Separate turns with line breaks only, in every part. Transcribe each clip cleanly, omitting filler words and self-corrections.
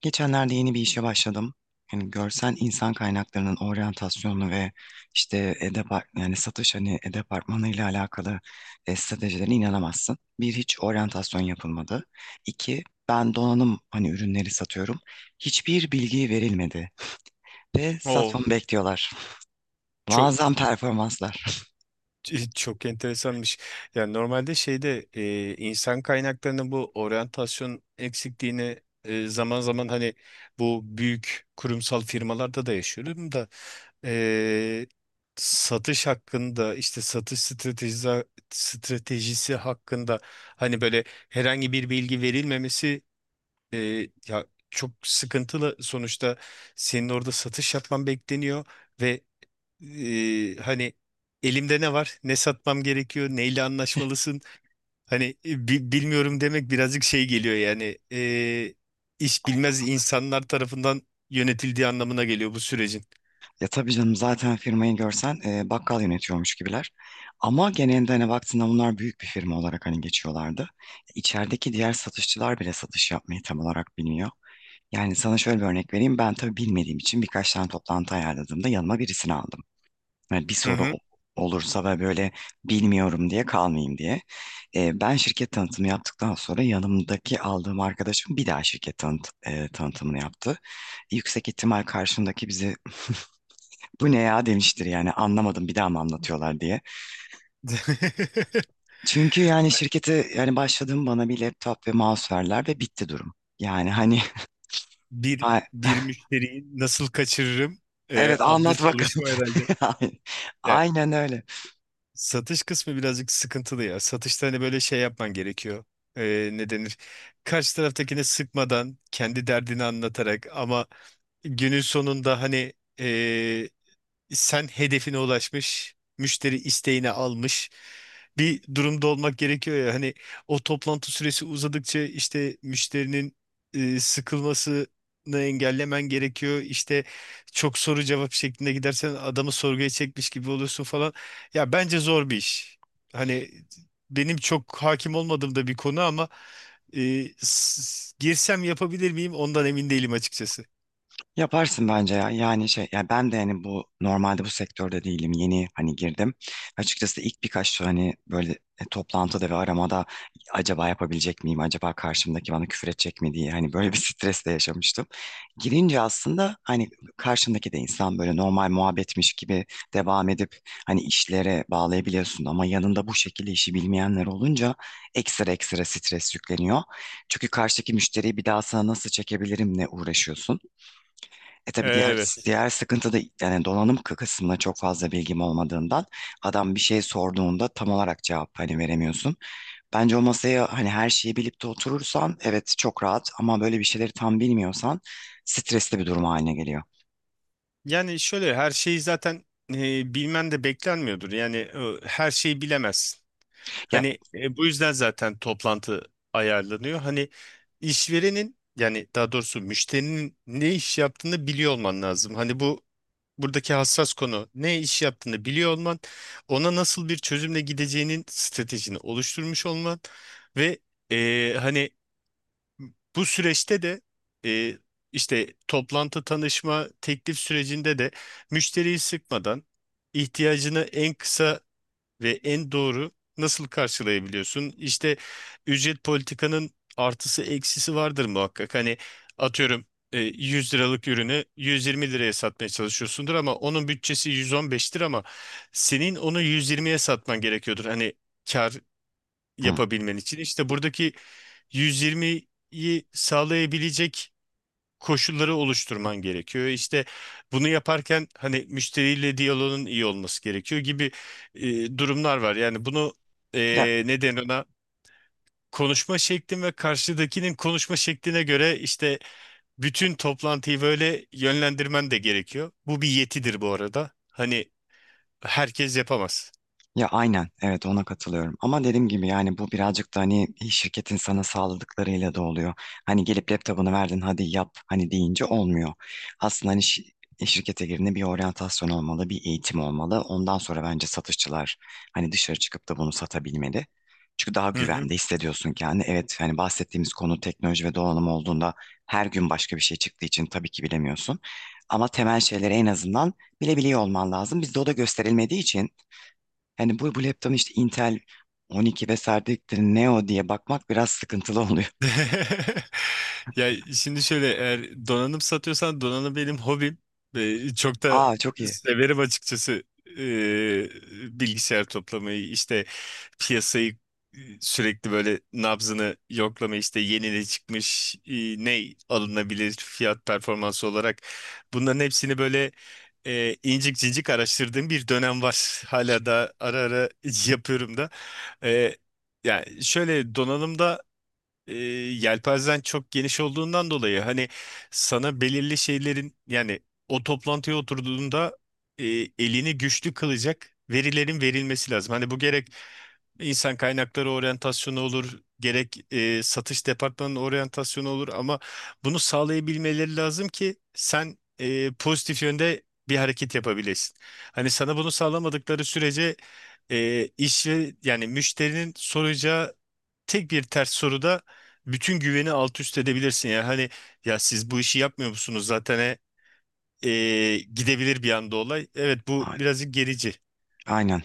Geçenlerde yeni bir işe başladım. Yani görsel insan kaynaklarının oryantasyonu ve işte edepar yani satış hani e-departmanı ile alakalı stratejilerine inanamazsın. Bir hiç oryantasyon yapılmadı. İki ben donanım hani ürünleri satıyorum. Hiçbir bilgi verilmedi ve
O
satmamı bekliyorlar.
çok
Muazzam performanslar.
çok enteresanmış. Yani normalde şeyde insan kaynaklarının bu oryantasyon eksikliğini zaman zaman hani bu büyük kurumsal firmalarda da yaşıyorum da e, satış hakkında işte satış stratejisi hakkında hani böyle herhangi bir bilgi verilmemesi. E, Ya çok sıkıntılı sonuçta senin orada satış yapman bekleniyor ve hani elimde ne var, ne satmam gerekiyor, neyle anlaşmalısın. Hani bilmiyorum demek birazcık şey geliyor yani iş bilmez insanlar tarafından yönetildiği anlamına geliyor bu sürecin.
Ya tabii canım zaten firmayı görsen bakkal yönetiyormuş gibiler. Ama genelde hani baktığında bunlar büyük bir firma olarak hani geçiyorlardı. İçerideki diğer satışçılar bile satış yapmayı tam olarak bilmiyor. Yani sana şöyle bir örnek vereyim. Ben tabii bilmediğim için birkaç tane toplantı ayarladığımda yanıma birisini aldım. Yani bir
Hı
soru
hı.
olursa ve böyle bilmiyorum diye kalmayayım diye. Ben şirket tanıtımı yaptıktan sonra yanımdaki aldığım arkadaşım bir daha şirket tanıtımını yaptı. Yüksek ihtimal karşımdaki bizi bu ne ya demiştir yani anlamadım bir daha mı anlatıyorlar diye. Çünkü yani şirkete yani başladığım bana bir laptop ve mouse verdiler ve bitti durum. Yani hani
Bir
a-
bir müşteriyi nasıl kaçırırım
evet
adlı
anlat bakalım.
çalışma herhalde. Yani
Aynen öyle.
satış kısmı birazcık sıkıntılı ya. Satışta hani böyle şey yapman gerekiyor. Ne denir? Karşı taraftakine sıkmadan kendi derdini anlatarak ama günün sonunda hani sen hedefine ulaşmış, müşteri isteğini almış bir durumda olmak gerekiyor ya. Hani o toplantı süresi uzadıkça işte müşterinin sıkılmasını engellemen gerekiyor. İşte çok soru cevap şeklinde gidersen adamı sorguya çekmiş gibi oluyorsun falan. Ya bence zor bir iş. Hani benim çok hakim olmadığım da bir konu ama girsem yapabilir miyim ondan emin değilim açıkçası.
Yaparsın bence ya. Yani şey ya ben de yani bu normalde bu sektörde değilim. Yeni hani girdim. Açıkçası ilk birkaç hani böyle toplantıda ve aramada acaba yapabilecek miyim? Acaba karşımdaki bana küfür edecek mi diye hani böyle bir stres de yaşamıştım. Girince aslında hani karşımdaki de insan böyle normal muhabbetmiş gibi devam edip hani işlere bağlayabiliyorsun ama yanında bu şekilde işi bilmeyenler olunca ekstra ekstra stres yükleniyor. Çünkü karşıdaki müşteriyi bir daha sana nasıl çekebilirim ne uğraşıyorsun. E tabii diğer
Evet.
diğer sıkıntı da yani donanım kısmına çok fazla bilgim olmadığından adam bir şey sorduğunda tam olarak cevap hani veremiyorsun. Bence o masaya hani her şeyi bilip de oturursan evet çok rahat ama böyle bir şeyleri tam bilmiyorsan stresli bir durum haline geliyor.
Yani şöyle her şeyi zaten bilmen de beklenmiyordur. Yani her şeyi bilemezsin.
Ya,
Hani bu yüzden zaten toplantı ayarlanıyor. Hani işverenin yani daha doğrusu müşterinin ne iş yaptığını biliyor olman lazım. Hani buradaki hassas konu ne iş yaptığını biliyor olman, ona nasıl bir çözümle gideceğinin stratejini oluşturmuş olman ve hani bu süreçte de e, işte toplantı tanışma teklif sürecinde de müşteriyi sıkmadan ihtiyacını en kısa ve en doğru nasıl karşılayabiliyorsun? İşte ücret politikanın artısı eksisi vardır muhakkak. Hani atıyorum 100 liralık ürünü 120 liraya satmaya çalışıyorsundur ama onun bütçesi 115'tir ama senin onu 120'ye satman gerekiyordur. Hani kar
hı.
yapabilmen için işte buradaki 120'yi sağlayabilecek koşulları oluşturman gerekiyor. İşte bunu yaparken hani müşteriyle diyaloğun iyi olması gerekiyor gibi durumlar var. Yani bunu
Ya
neden ona konuşma şeklin ve karşıdakinin konuşma şekline göre işte bütün toplantıyı böyle yönlendirmen de gerekiyor. Bu bir yetidir bu arada. Hani herkes yapamaz.
Ya aynen evet ona katılıyorum ama dediğim gibi yani bu birazcık da hani şirketin sana sağladıklarıyla da oluyor. Hani gelip laptopunu verdin hadi yap hani deyince olmuyor. Aslında hani şirkete girdiğinde bir oryantasyon olmalı bir eğitim olmalı. Ondan sonra bence satışçılar hani dışarı çıkıp da bunu satabilmeli. Çünkü daha
Hı hı.
güvende hissediyorsun kendini. Evet hani bahsettiğimiz konu teknoloji ve donanım olduğunda her gün başka bir şey çıktığı için tabii ki bilemiyorsun. Ama temel şeyleri en azından bilebiliyor olman lazım. Bizde o da gösterilmediği için hani bu laptopun işte Intel 12 vesaire dedikleri Neo diye bakmak biraz sıkıntılı oluyor.
Ya şimdi şöyle eğer donanım satıyorsan donanım benim hobim ve çok da
Aa, çok iyi.
severim açıkçası. Ee, Bilgisayar toplamayı işte piyasayı sürekli böyle nabzını yoklamayı işte yeni ne çıkmış ne alınabilir fiyat performansı olarak bunların hepsini böyle incik cincik araştırdığım bir dönem var hala da ara ara yapıyorum da. Ee, Yani şöyle donanımda yelpazen çok geniş olduğundan dolayı hani sana belirli şeylerin yani o toplantıya oturduğunda e, elini güçlü kılacak verilerin verilmesi lazım. Hani bu gerek insan kaynakları oryantasyonu olur, gerek satış departmanının oryantasyonu olur ama bunu sağlayabilmeleri lazım ki sen pozitif yönde bir hareket yapabilesin. Hani sana bunu sağlamadıkları sürece iş ve yani müşterinin soracağı tek bir ters soruda bütün güveni alt üst edebilirsin. Yani hani ya siz bu işi yapmıyor musunuz zaten gidebilir bir anda olay. Evet, bu
A-
birazcık gerici.
Aynen.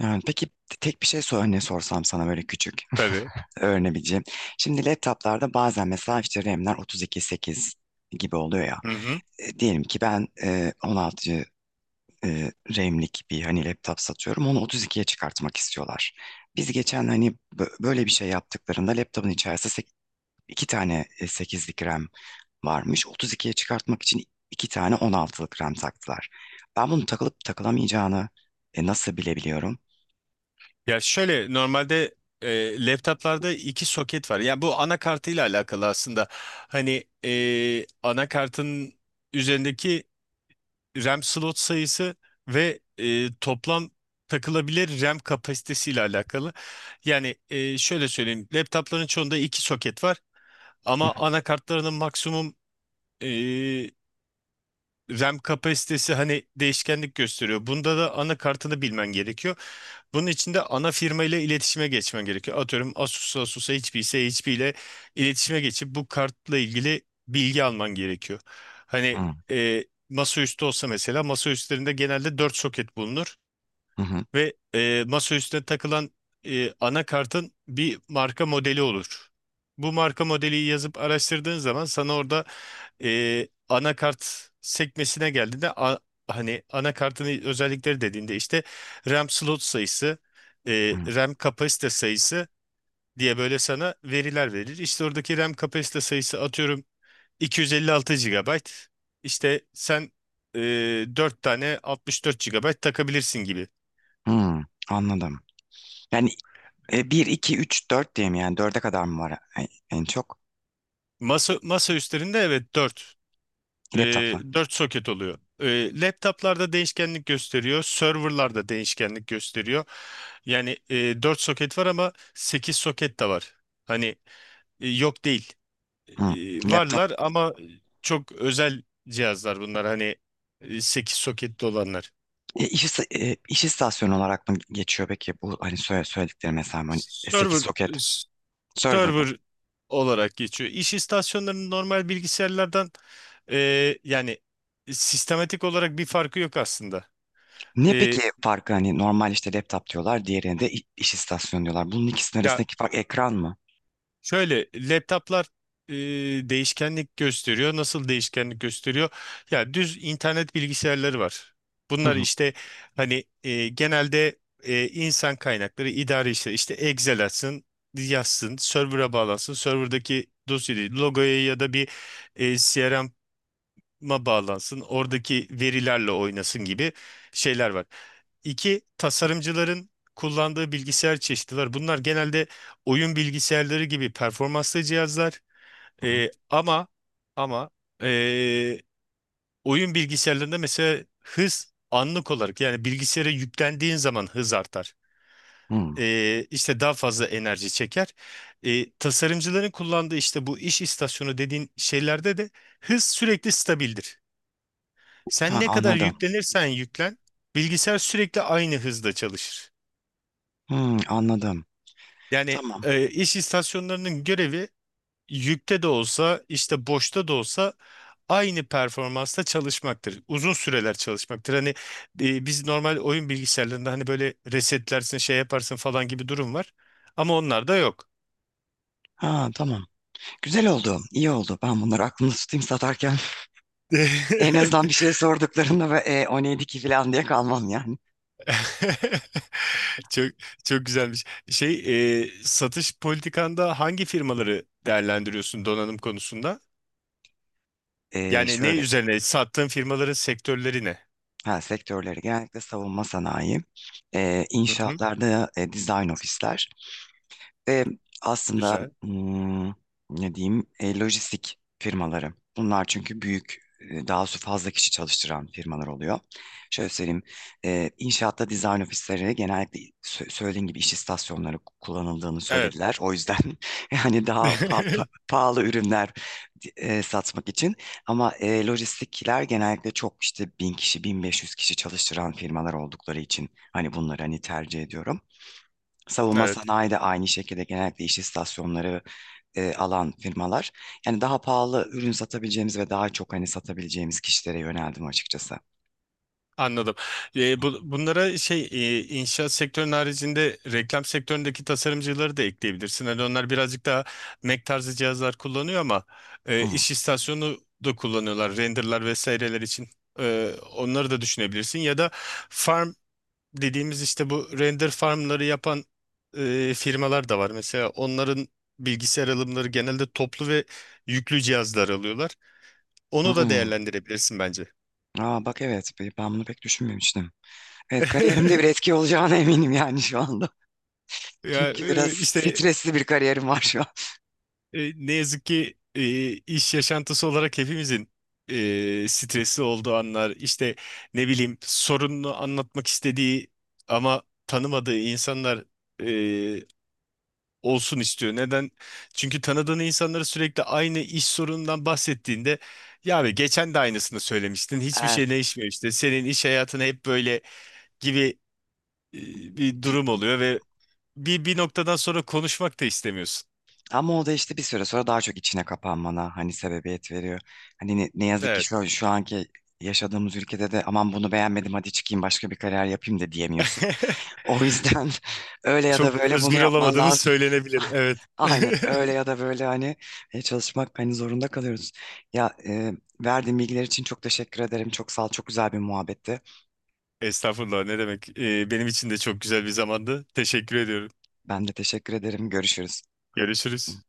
Yani peki tek bir şey sor, örneği sorsam sana böyle küçük
Tabii.
öğrenebileceğim. Şimdi laptoplarda bazen mesela işte RAM'ler 32.8 gibi oluyor ya.
Hı hı.
Diyelim ki ben 16 e, RAM'lik bir hani laptop satıyorum. Onu 32'ye çıkartmak istiyorlar. Biz geçen hani böyle bir şey yaptıklarında laptopun içerisinde iki tane 8'lik RAM varmış. 32'ye çıkartmak için iki tane 16'lık rem taktılar. Ben bunun takılıp takılamayacağını nasıl bilebiliyorum?
Ya şöyle normalde laptoplarda iki soket var. Yani bu anakartıyla alakalı aslında. Hani anakartın üzerindeki RAM slot sayısı ve toplam takılabilir RAM kapasitesiyle alakalı. Yani şöyle söyleyeyim. Laptopların çoğunda iki soket var.
Hı,
Ama anakartlarının maksimum e, RAM kapasitesi hani değişkenlik gösteriyor. Bunda da anakartını bilmen gerekiyor. Bunun için de ana firma ile iletişime geçmen gerekiyor. Atıyorum Asus, Asus'a HP ise HP ile iletişime geçip bu kartla ilgili bilgi alman gerekiyor. Hani
hı,
e, masaüstü olsa mesela masaüstlerinde genelde 4 soket bulunur
hı,
ve masaüstüne takılan anakartın bir marka modeli olur. Bu marka modeli yazıp araştırdığın zaman sana orada anakart sekmesine geldiğinde hani anakartın özellikleri dediğinde işte RAM slot sayısı,
hı,
RAM kapasite sayısı diye böyle sana veriler verir. İşte oradaki RAM kapasite sayısı atıyorum 256 GB. İşte sen e, 4 tane 64 GB takabilirsin gibi.
hı. Anladım. Yani 1, 2, 3, 4 diye mi yani? Dörde kadar mı var en çok?
Masa üstlerinde evet 4. E,
Laptoplar.
Dört soket oluyor. Laptoplarda değişkenlik gösteriyor. Serverlarda değişkenlik gösteriyor. Yani 4 soket var ama 8 soket de var. Hani yok değil.
Hı. Laptop.
Varlar ama çok özel cihazlar bunlar. Hani 8 soketli olanlar.
İş istasyonu olarak mı geçiyor peki? Bu hani söyledikleri mesela hani 8
Server
soket serverda.
server olarak geçiyor. İş istasyonlarının normal bilgisayarlardan e, yani sistematik olarak bir farkı yok aslında.
Ne peki
E,
farkı hani normal işte laptop diyorlar diğerine de iş istasyonu diyorlar. Bunun ikisinin
ya
arasındaki fark ekran mı?
Şöyle laptoplar e, değişkenlik gösteriyor. Nasıl değişkenlik gösteriyor? Ya düz internet bilgisayarları var.
Hı
Bunlar
hı
işte hani genelde insan kaynakları idare işleri işte Excel açsın, yazsın, server'a bağlansın. Server'daki dosyayı, logoya ya da bir CRM ma bağlansın, oradaki verilerle oynasın gibi şeyler var. İki, tasarımcıların kullandığı bilgisayar çeşidi var. Bunlar genelde oyun bilgisayarları gibi performanslı cihazlar.
hı.
Ee, ama ama ee, oyun bilgisayarlarında mesela hız anlık olarak yani bilgisayara yüklendiğin zaman hız artar.
Hı.
İşte daha fazla enerji çeker. Tasarımcıların kullandığı işte bu iş istasyonu dediğin şeylerde de hız sürekli stabildir. Sen
Ha,
ne kadar
anladım.
yüklenirsen yüklen, bilgisayar sürekli aynı hızda çalışır.
Hı, anladım.
Yani
Tamam.
iş istasyonlarının görevi yükte de olsa, işte boşta da olsa aynı performansta çalışmaktır. Uzun süreler çalışmaktır. Hani biz normal oyun bilgisayarlarında hani böyle resetlersin, şey yaparsın falan gibi durum var. Ama onlar da yok.
Ha, tamam. Güzel oldu. İyi oldu. Ben bunları aklımda tutayım satarken. En azından bir şey sorduklarında ve o neydi ki falan diye kalmam yani.
Çok çok güzelmiş. Satış politikanda hangi firmaları değerlendiriyorsun donanım konusunda? Yani ne
Şöyle
üzerine? Sattığın firmaların sektörleri ne?
ha, sektörleri genellikle savunma sanayi,
Hı hı,
inşaatlarda design ofisler, E, aslında
güzel.
ne diyeyim lojistik firmaları. Bunlar çünkü büyük daha su fazla kişi çalıştıran firmalar oluyor. Şöyle söyleyeyim inşaatta dizayn ofisleri genellikle söylediğin gibi iş istasyonları kullanıldığını
Evet.
söylediler. O yüzden yani daha pahalı ürünler satmak için. Ama lojistikler genellikle çok işte bin kişi 1500 kişi çalıştıran firmalar oldukları için hani bunları hani tercih ediyorum. Savunma
Evet.
sanayi de aynı şekilde genellikle iş istasyonları alan firmalar. Yani daha pahalı ürün satabileceğimiz ve daha çok hani satabileceğimiz kişilere yöneldim açıkçası.
Anladım. Bunlara inşaat sektörünün haricinde reklam sektöründeki tasarımcıları da ekleyebilirsin. Hani onlar birazcık daha Mac tarzı cihazlar kullanıyor ama
Hı.
iş istasyonu da kullanıyorlar. Renderlar vesaireler için. Onları da düşünebilirsin. Ya da farm dediğimiz işte bu render farmları yapan firmalar da var. Mesela onların bilgisayar alımları genelde toplu ve yüklü cihazlar alıyorlar.
Hı.
Onu da değerlendirebilirsin bence.
Aa, bak evet ben bunu pek düşünmemiştim. Evet, kariyerimde bir etki olacağına eminim yani şu anda.
Ya
Çünkü biraz
işte
stresli bir kariyerim var şu an.
ne yazık ki iş yaşantısı olarak hepimizin stresli olduğu anlar, işte ne bileyim sorununu anlatmak istediği ama tanımadığı insanlar e, olsun istiyor. Neden? Çünkü tanıdığın insanlara sürekli aynı iş sorunundan bahsettiğinde ya abi geçen de aynısını söylemiştin. Hiçbir şey
Evet,
değişmiyor işte. Senin iş hayatın hep böyle gibi e, bir durum
bir-
oluyor ve bir noktadan sonra konuşmak da istemiyorsun.
ama o da işte bir süre sonra daha çok içine kapanmana hani sebebiyet veriyor. Hani ne yazık ki
Evet.
şu anki yaşadığımız ülkede de aman bunu beğenmedim hadi çıkayım başka bir kariyer yapayım da diyemiyorsun. O yüzden öyle ya
Çok
da böyle bunu
özgür
yapman
olamadığımız
lazım.
söylenebilir. Evet.
Aynen, öyle ya da böyle hani çalışmak hani zorunda kalıyoruz. Ya verdiğin bilgiler için çok teşekkür ederim. Çok sağ ol. Çok güzel bir muhabbetti.
Estağfurullah ne demek. Benim için de çok güzel bir zamandı. Teşekkür ediyorum.
Ben de teşekkür ederim. Görüşürüz.
Görüşürüz.